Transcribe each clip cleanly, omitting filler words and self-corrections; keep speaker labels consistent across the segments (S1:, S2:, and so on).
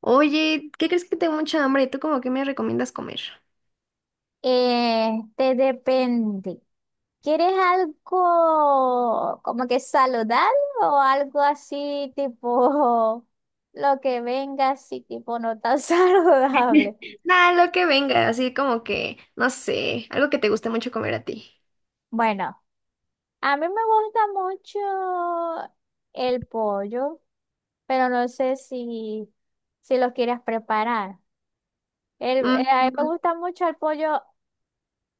S1: Oye, ¿qué crees? Que tengo mucha hambre. ¿Tú como que me recomiendas comer?
S2: Este depende. ¿Quieres algo como que saludable o algo así tipo lo que venga así tipo no tan saludable?
S1: Nada, lo que venga, así como que, no sé, algo que te guste mucho comer a ti.
S2: Bueno, a mí me gusta mucho el pollo, pero no sé si lo quieres preparar. El,
S1: Mm,
S2: a mí me
S1: mm.
S2: gusta mucho el pollo,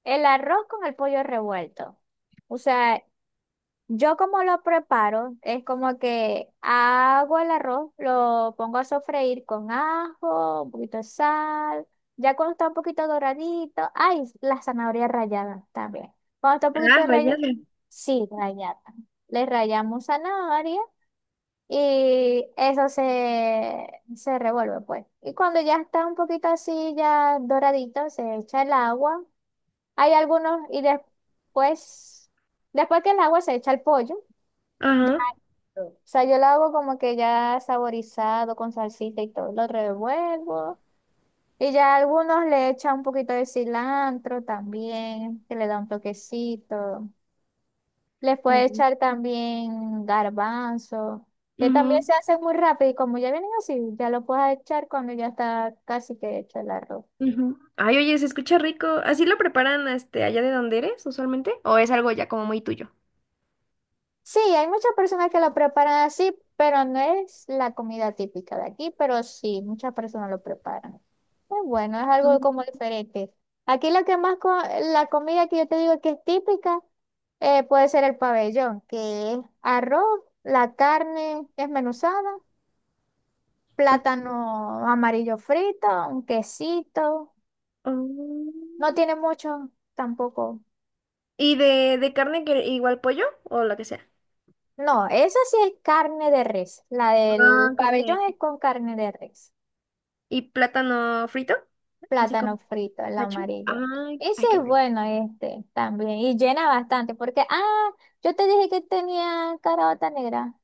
S2: el arroz con el pollo revuelto. O sea, yo como lo preparo, es como que hago el arroz, lo pongo a sofreír con ajo, un poquito de sal, ya cuando está un poquito doradito, ay, la zanahoria rallada también. Cuando está un
S1: Ah,
S2: poquito rallada,
S1: rayada.
S2: sí, rallada. Le rallamos zanahoria y se revuelve pues. Y cuando ya está un poquito así, ya doradito, se echa el agua. Hay algunos y después que el agua se echa el pollo. Ya.
S1: Ajá.
S2: O sea, yo lo hago como que ya saborizado con salsita y todo. Lo revuelvo. Y ya algunos le echan un poquito de cilantro también, que le da un toquecito. Les puede
S1: Mm,
S2: echar también garbanzo, que también
S1: ujú,
S2: se hace muy rápido. Y como ya vienen así, ya lo puedes echar cuando ya está casi que hecho el arroz.
S1: ujú. Ay, oye, se escucha rico. ¿Así lo preparan este allá de donde eres usualmente? ¿O es algo ya como muy tuyo?
S2: Sí, hay muchas personas que lo preparan así, pero no es la comida típica de aquí, pero sí, muchas personas lo preparan. Es bueno, es algo
S1: Mm,
S2: como diferente. Aquí lo que más, la comida que yo te digo que es típica, puede ser el pabellón, que es arroz, la carne desmenuzada,
S1: ah,
S2: plátano amarillo frito, un quesito.
S1: oh.
S2: No tiene mucho tampoco.
S1: ¿Y de carne? Que igual pollo o lo que sea?
S2: No, esa sí es carne de res. La del
S1: No,
S2: pabellón
S1: carne.
S2: es con carne de res.
S1: ¿Y plátano frito? Así
S2: Plátano
S1: como
S2: frito, el
S1: macho.
S2: amarillo.
S1: Ay,
S2: Ese
S1: hay que
S2: es
S1: ver.
S2: bueno este también y llena bastante porque, ah, yo te dije que tenía caraota negra.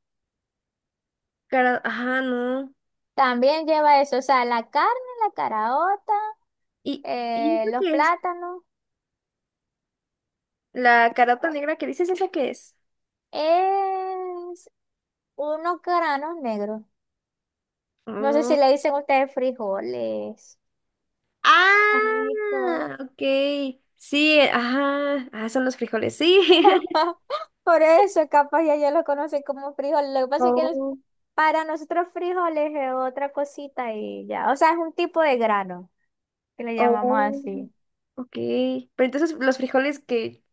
S1: Cara, ajá, no.
S2: También lleva eso, o sea, la carne, la caraota,
S1: ¿Y, eso
S2: los
S1: qué es?
S2: plátanos,
S1: La carota negra que dices, ¿esa qué es?
S2: es unos granos negros. No sé si
S1: Mm.
S2: le dicen ustedes frijoles. Granitos.
S1: Ah, ok. Sí, ajá. Ah, son los frijoles, sí.
S2: Por eso, capaz ya lo conocen como frijol. Lo que pasa es que
S1: Oh,
S2: para nosotros frijoles es otra cosita y ya. O sea, es un tipo de grano que le llamamos
S1: oh,
S2: así.
S1: ok. Pero entonces los frijoles que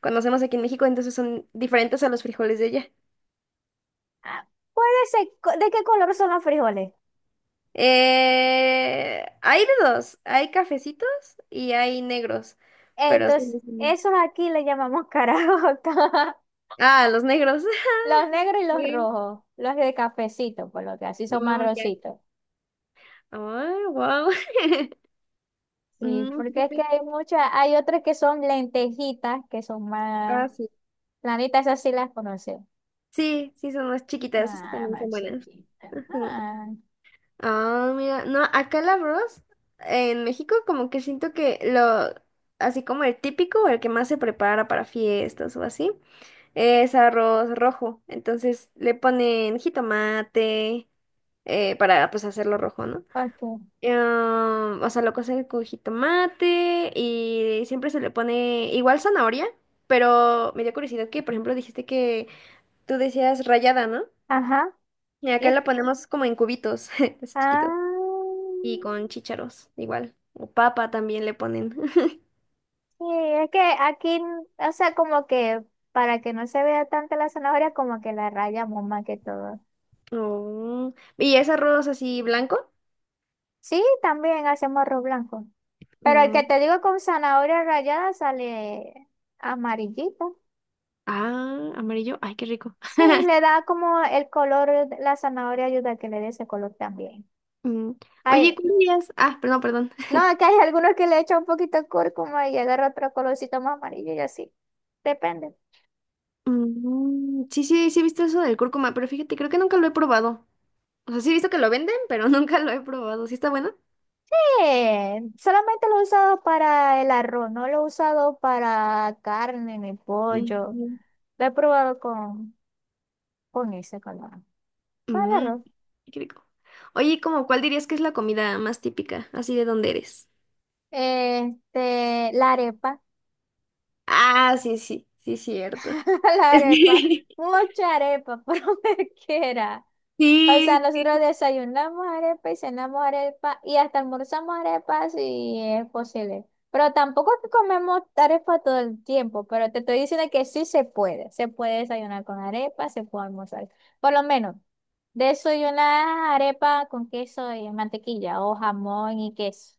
S1: conocemos aquí en México, entonces son diferentes a los frijoles de allá.
S2: Ah, puede ser, ¿de qué color son los frijoles?
S1: Hay de dos, hay cafecitos y hay negros, pero son
S2: Entonces,
S1: los...
S2: esos aquí le llamamos caraotas.
S1: Ah, los negros.
S2: Los negros y los
S1: Sí.
S2: rojos. Los de cafecito, por lo que así son
S1: Mm, ya.
S2: marroncitos.
S1: Ay, wow.
S2: Sí,
S1: Mm,
S2: porque es que
S1: fíjate.
S2: hay muchas, hay otras que son lentejitas, que son más
S1: Ah, sí.
S2: planitas, esas sí las conoces.
S1: Sí, sí, son más chiquitas, esas
S2: Ah,
S1: también
S2: más
S1: son buenas.
S2: chiquita.
S1: Ajá.
S2: Ah,
S1: Ah, mira, no, acá el arroz en México como que siento que así como el típico o el que más se prepara para fiestas o así, es arroz rojo. Entonces le ponen jitomate, para pues hacerlo rojo, ¿no?
S2: ok.
S1: Em, o sea, lo cocen con jitomate y siempre se le pone igual zanahoria, pero me dio curiosidad que, por ejemplo, dijiste que tú decías rallada, ¿no?
S2: Ajá.
S1: Y
S2: Y
S1: acá
S2: es-
S1: la ponemos como en cubitos, así chiquitos,
S2: ah,
S1: y con chícharos, igual. O papa también le ponen.
S2: sí, es que aquí, o sea, como que para que no se vea tanta la zanahoria, como que la rayamos más que todo.
S1: Oh, ¿y es arroz así blanco?
S2: Sí, también hacemos arroz blanco. Pero el que
S1: Mm.
S2: te digo con zanahoria rallada sale amarillito.
S1: Ah, amarillo. Ay, qué rico.
S2: Sí, le da como el color, la zanahoria ayuda a que le dé ese color también.
S1: Mm. Oye,
S2: Ay,
S1: ¿cuál dirías? Ah, perdón, perdón.
S2: no, que hay algunos que le echan un poquito de cúrcuma y agarra otro colorcito más amarillo y así. Depende.
S1: Mm, sí, sí, sí he visto eso del cúrcuma, pero fíjate, creo que nunca lo he probado. O sea, sí he visto que lo venden, pero nunca lo he probado. ¿Sí está bueno?
S2: Solamente lo he usado para el arroz, no lo he usado para carne ni pollo.
S1: Ujú.
S2: Lo he probado con ese color. Para el
S1: Mm,
S2: arroz.
S1: qué rico. Oye, ¿cómo cuál dirías que es la comida más típica, así, de dónde eres?
S2: Este, la arepa.
S1: Ah, sí, sí, sí, cierto.
S2: La arepa. Mucha arepa, por donde quiera. O sea,
S1: Sí. Sí.
S2: nosotros desayunamos arepa y cenamos arepa y hasta almorzamos arepa si es posible. Pero tampoco es que comemos arepa todo el tiempo, pero te estoy diciendo que sí se puede. Se puede desayunar con arepa, se puede almorzar. Por lo menos, desayunar arepa con queso y mantequilla o jamón y queso.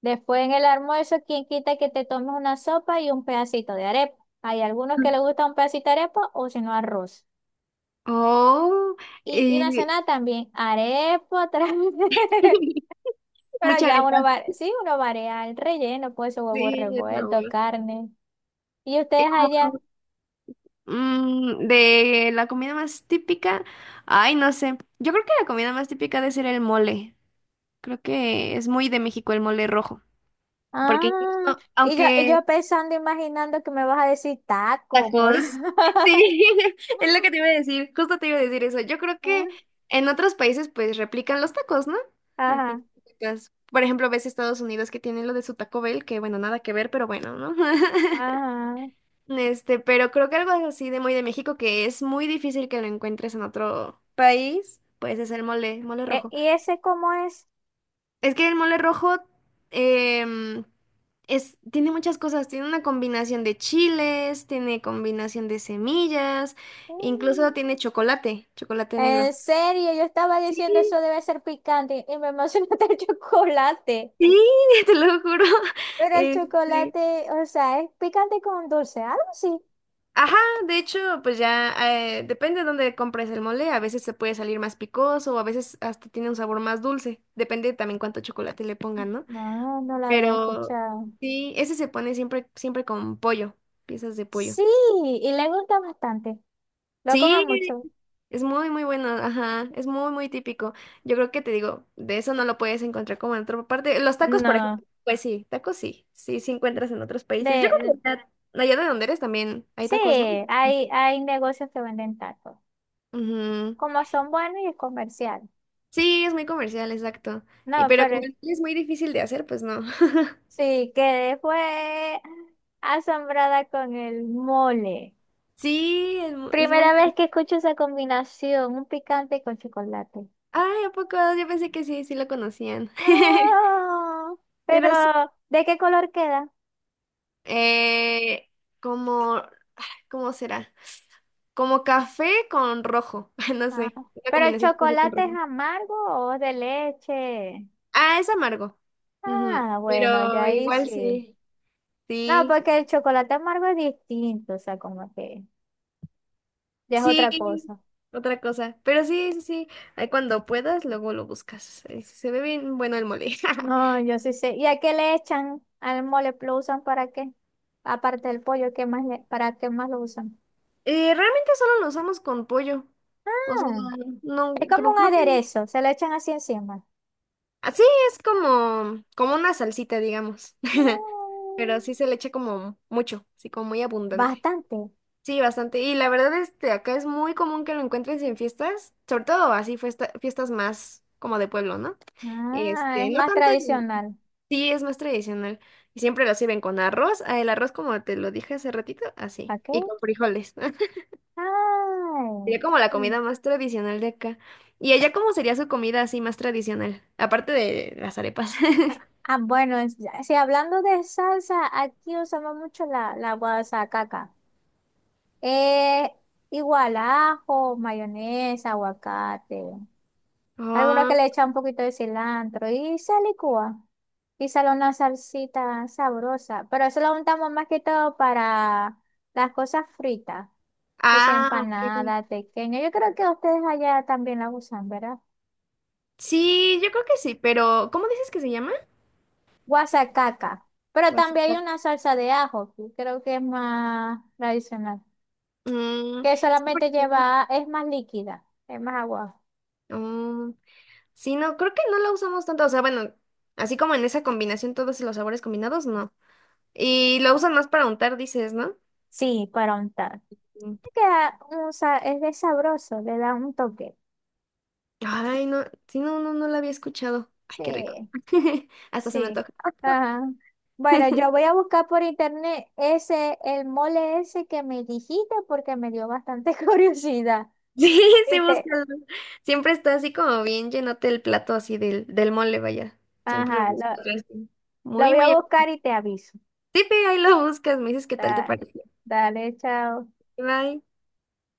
S2: Después en el almuerzo, quien quita que te tomes una sopa y un pedacito de arepa. Hay algunos que les gusta un pedacito de arepa o si no arroz.
S1: Oh,
S2: Y la
S1: eh,
S2: cena también, arepa otra vez. Pero
S1: mucha
S2: ya
S1: arepa.
S2: uno va, sí, uno varía el relleno, pues huevo
S1: Sí, el
S2: revuelto,
S1: sabor.
S2: carne. Y
S1: Es
S2: ustedes
S1: como
S2: allá,
S1: mm, de la comida más típica. Ay, no sé. Yo creo que la comida más típica debe ser el mole. Creo que es muy de México el mole rojo. Porque
S2: ah,
S1: incluso,
S2: y yo, y
S1: aunque...
S2: yo pensando, imaginando que me vas a decir taco, por...
S1: tacos, sí, es lo que te iba a decir, justo te iba a decir eso. Yo creo que
S2: Ah,
S1: en otros países pues replican los tacos, ¿no? A fin
S2: Ajá,
S1: de cuentas. Por ejemplo, ves Estados Unidos que tienen lo de su Taco Bell, que bueno, nada que ver, pero bueno, ¿no?
S2: ajá.
S1: Este, pero creo que algo así de muy de México que es muy difícil que lo encuentres en otro país, pues es el mole, mole rojo.
S2: ¿Y ese cómo es?
S1: Es que el mole rojo, em, es, tiene muchas cosas, tiene una combinación de chiles, tiene combinación de semillas, incluso
S2: Mm,
S1: tiene chocolate, chocolate negro.
S2: en serio, yo estaba
S1: Sí,
S2: diciendo eso debe ser picante y me emocionó el chocolate.
S1: sí, te lo juro.
S2: Pero el
S1: Este,
S2: chocolate, o sea, es picante con dulce, algo así.
S1: ajá, de hecho, pues ya depende de dónde compres el mole, a veces se puede salir más picoso o a veces hasta tiene un sabor más dulce, depende también cuánto chocolate le pongan, ¿no?
S2: No, no la había
S1: Pero
S2: escuchado.
S1: sí, ese se pone siempre, siempre con pollo, piezas de pollo.
S2: Sí, y le gusta bastante. Lo come
S1: Sí,
S2: mucho.
S1: es muy, muy bueno, ajá, es muy, muy típico. Yo creo que, te digo, de eso no lo puedes encontrar como en otra parte. Los tacos, por ejemplo,
S2: No,
S1: pues sí, tacos sí, sí, sí encuentras en otros países. Yo
S2: de,
S1: creo que allá, allá de donde eres también hay
S2: sí,
S1: tacos, ¿no?
S2: hay negocios que venden tacos.
S1: Ujú.
S2: Como son buenos y es comercial.
S1: Sí, es muy comercial, exacto. Y
S2: No,
S1: pero como
S2: pero
S1: el chile es muy difícil de hacer, pues no.
S2: sí, quedé fue asombrada con el mole.
S1: Sí, es, mu- es muy...
S2: Primera vez
S1: bueno.
S2: que escucho esa combinación, un picante con chocolate.
S1: Ay, ¿a poco? Yo pensé que sí, sí lo conocían.
S2: No, pero
S1: Pero sí,
S2: ¿de qué color queda?
S1: eh, como... ¿cómo será? Como café con rojo. No
S2: Ah,
S1: sé. Una
S2: ¿pero el
S1: combinación de café con
S2: chocolate es
S1: rojo.
S2: amargo o es de leche?
S1: Ah, es amargo. Ujú.
S2: Ah, bueno, ya
S1: Pero
S2: ahí
S1: igual
S2: sí.
S1: sí.
S2: No,
S1: Sí.
S2: porque el chocolate amargo es distinto, o sea, como que ya es otra
S1: Sí.
S2: cosa.
S1: Otra cosa. Pero sí, sí, sí. Ahí cuando puedas, luego lo buscas. Se ve bien bueno el mole.
S2: No, yo sí sé. ¿Y a qué le echan al mole? ¿Lo usan para qué? Aparte del pollo, ¿qué ¿para qué más lo usan?
S1: Realmente solo lo usamos con pollo. O sea,
S2: Ah, es
S1: no,
S2: como
S1: creo,
S2: un
S1: creo que no.
S2: aderezo, se lo echan así encima.
S1: Así es como, como una salsita, digamos.
S2: No,
S1: Pero sí se le echa como mucho, así como muy abundante.
S2: bastante.
S1: Sí, bastante. Y la verdad, este, acá es muy común que lo encuentres en fiestas, sobre todo así fiesta- fiestas más como de pueblo, ¿no?
S2: Ah, es
S1: Este, no
S2: más
S1: tanto en...
S2: tradicional.
S1: sí, es más tradicional. Y siempre lo sirven con arroz. Ah, el arroz, como te lo dije hace ratito, así.
S2: ¿Para qué?
S1: Y con frijoles.
S2: Ay,
S1: Sería como la
S2: mm.
S1: comida más tradicional de acá. ¿Y allá cómo sería su comida así más tradicional? Aparte de las arepas.
S2: Ah, ah, bueno, si hablando de salsa, aquí usamos mucho la guasacaca. Eh, igual ajo, mayonesa, aguacate. Algunos
S1: Ah,
S2: que le echan un poquito de cilantro y se licúa. Y sale una salsita sabrosa. Pero eso lo untamos más que todo para las cosas fritas. Que sea
S1: ah, ok.
S2: empanada, pequeña. Yo creo que ustedes allá también la usan, ¿verdad?
S1: Sí, yo creo que sí, pero ¿cómo dices que se llama?
S2: Guasacaca. Pero también hay una
S1: Guasacaca.
S2: salsa de ajo, que creo que es más tradicional.
S1: Mm,
S2: Que
S1: sí,
S2: solamente
S1: porque...
S2: lleva, es más líquida, es más agua.
S1: oh, sí, no, creo que no la usamos tanto. O sea, bueno, así como en esa combinación, todos los sabores combinados, no. Y lo usan más para untar, dices, ¿no?
S2: Sí, para untar.
S1: Mm.
S2: Queda un es de sabroso, le da un toque.
S1: Ay, no, sí, no, no, no la había escuchado. Ay, qué rico.
S2: Sí,
S1: Hasta se me
S2: sí.
S1: antoja.
S2: Ajá. Bueno, yo voy a buscar por internet ese, el mole ese que me dijiste porque me dio bastante curiosidad.
S1: Sí,
S2: Y
S1: sí,
S2: te-
S1: búscalo. Siempre está así como bien llenote el plato así del mole, vaya. Siempre lo
S2: ajá,
S1: buscas así.
S2: lo
S1: Muy,
S2: voy a
S1: muy.
S2: buscar y te aviso.
S1: Sí, ve, ahí lo buscas, me dices qué tal te
S2: Da-
S1: pareció.
S2: dale, chao.
S1: Bye.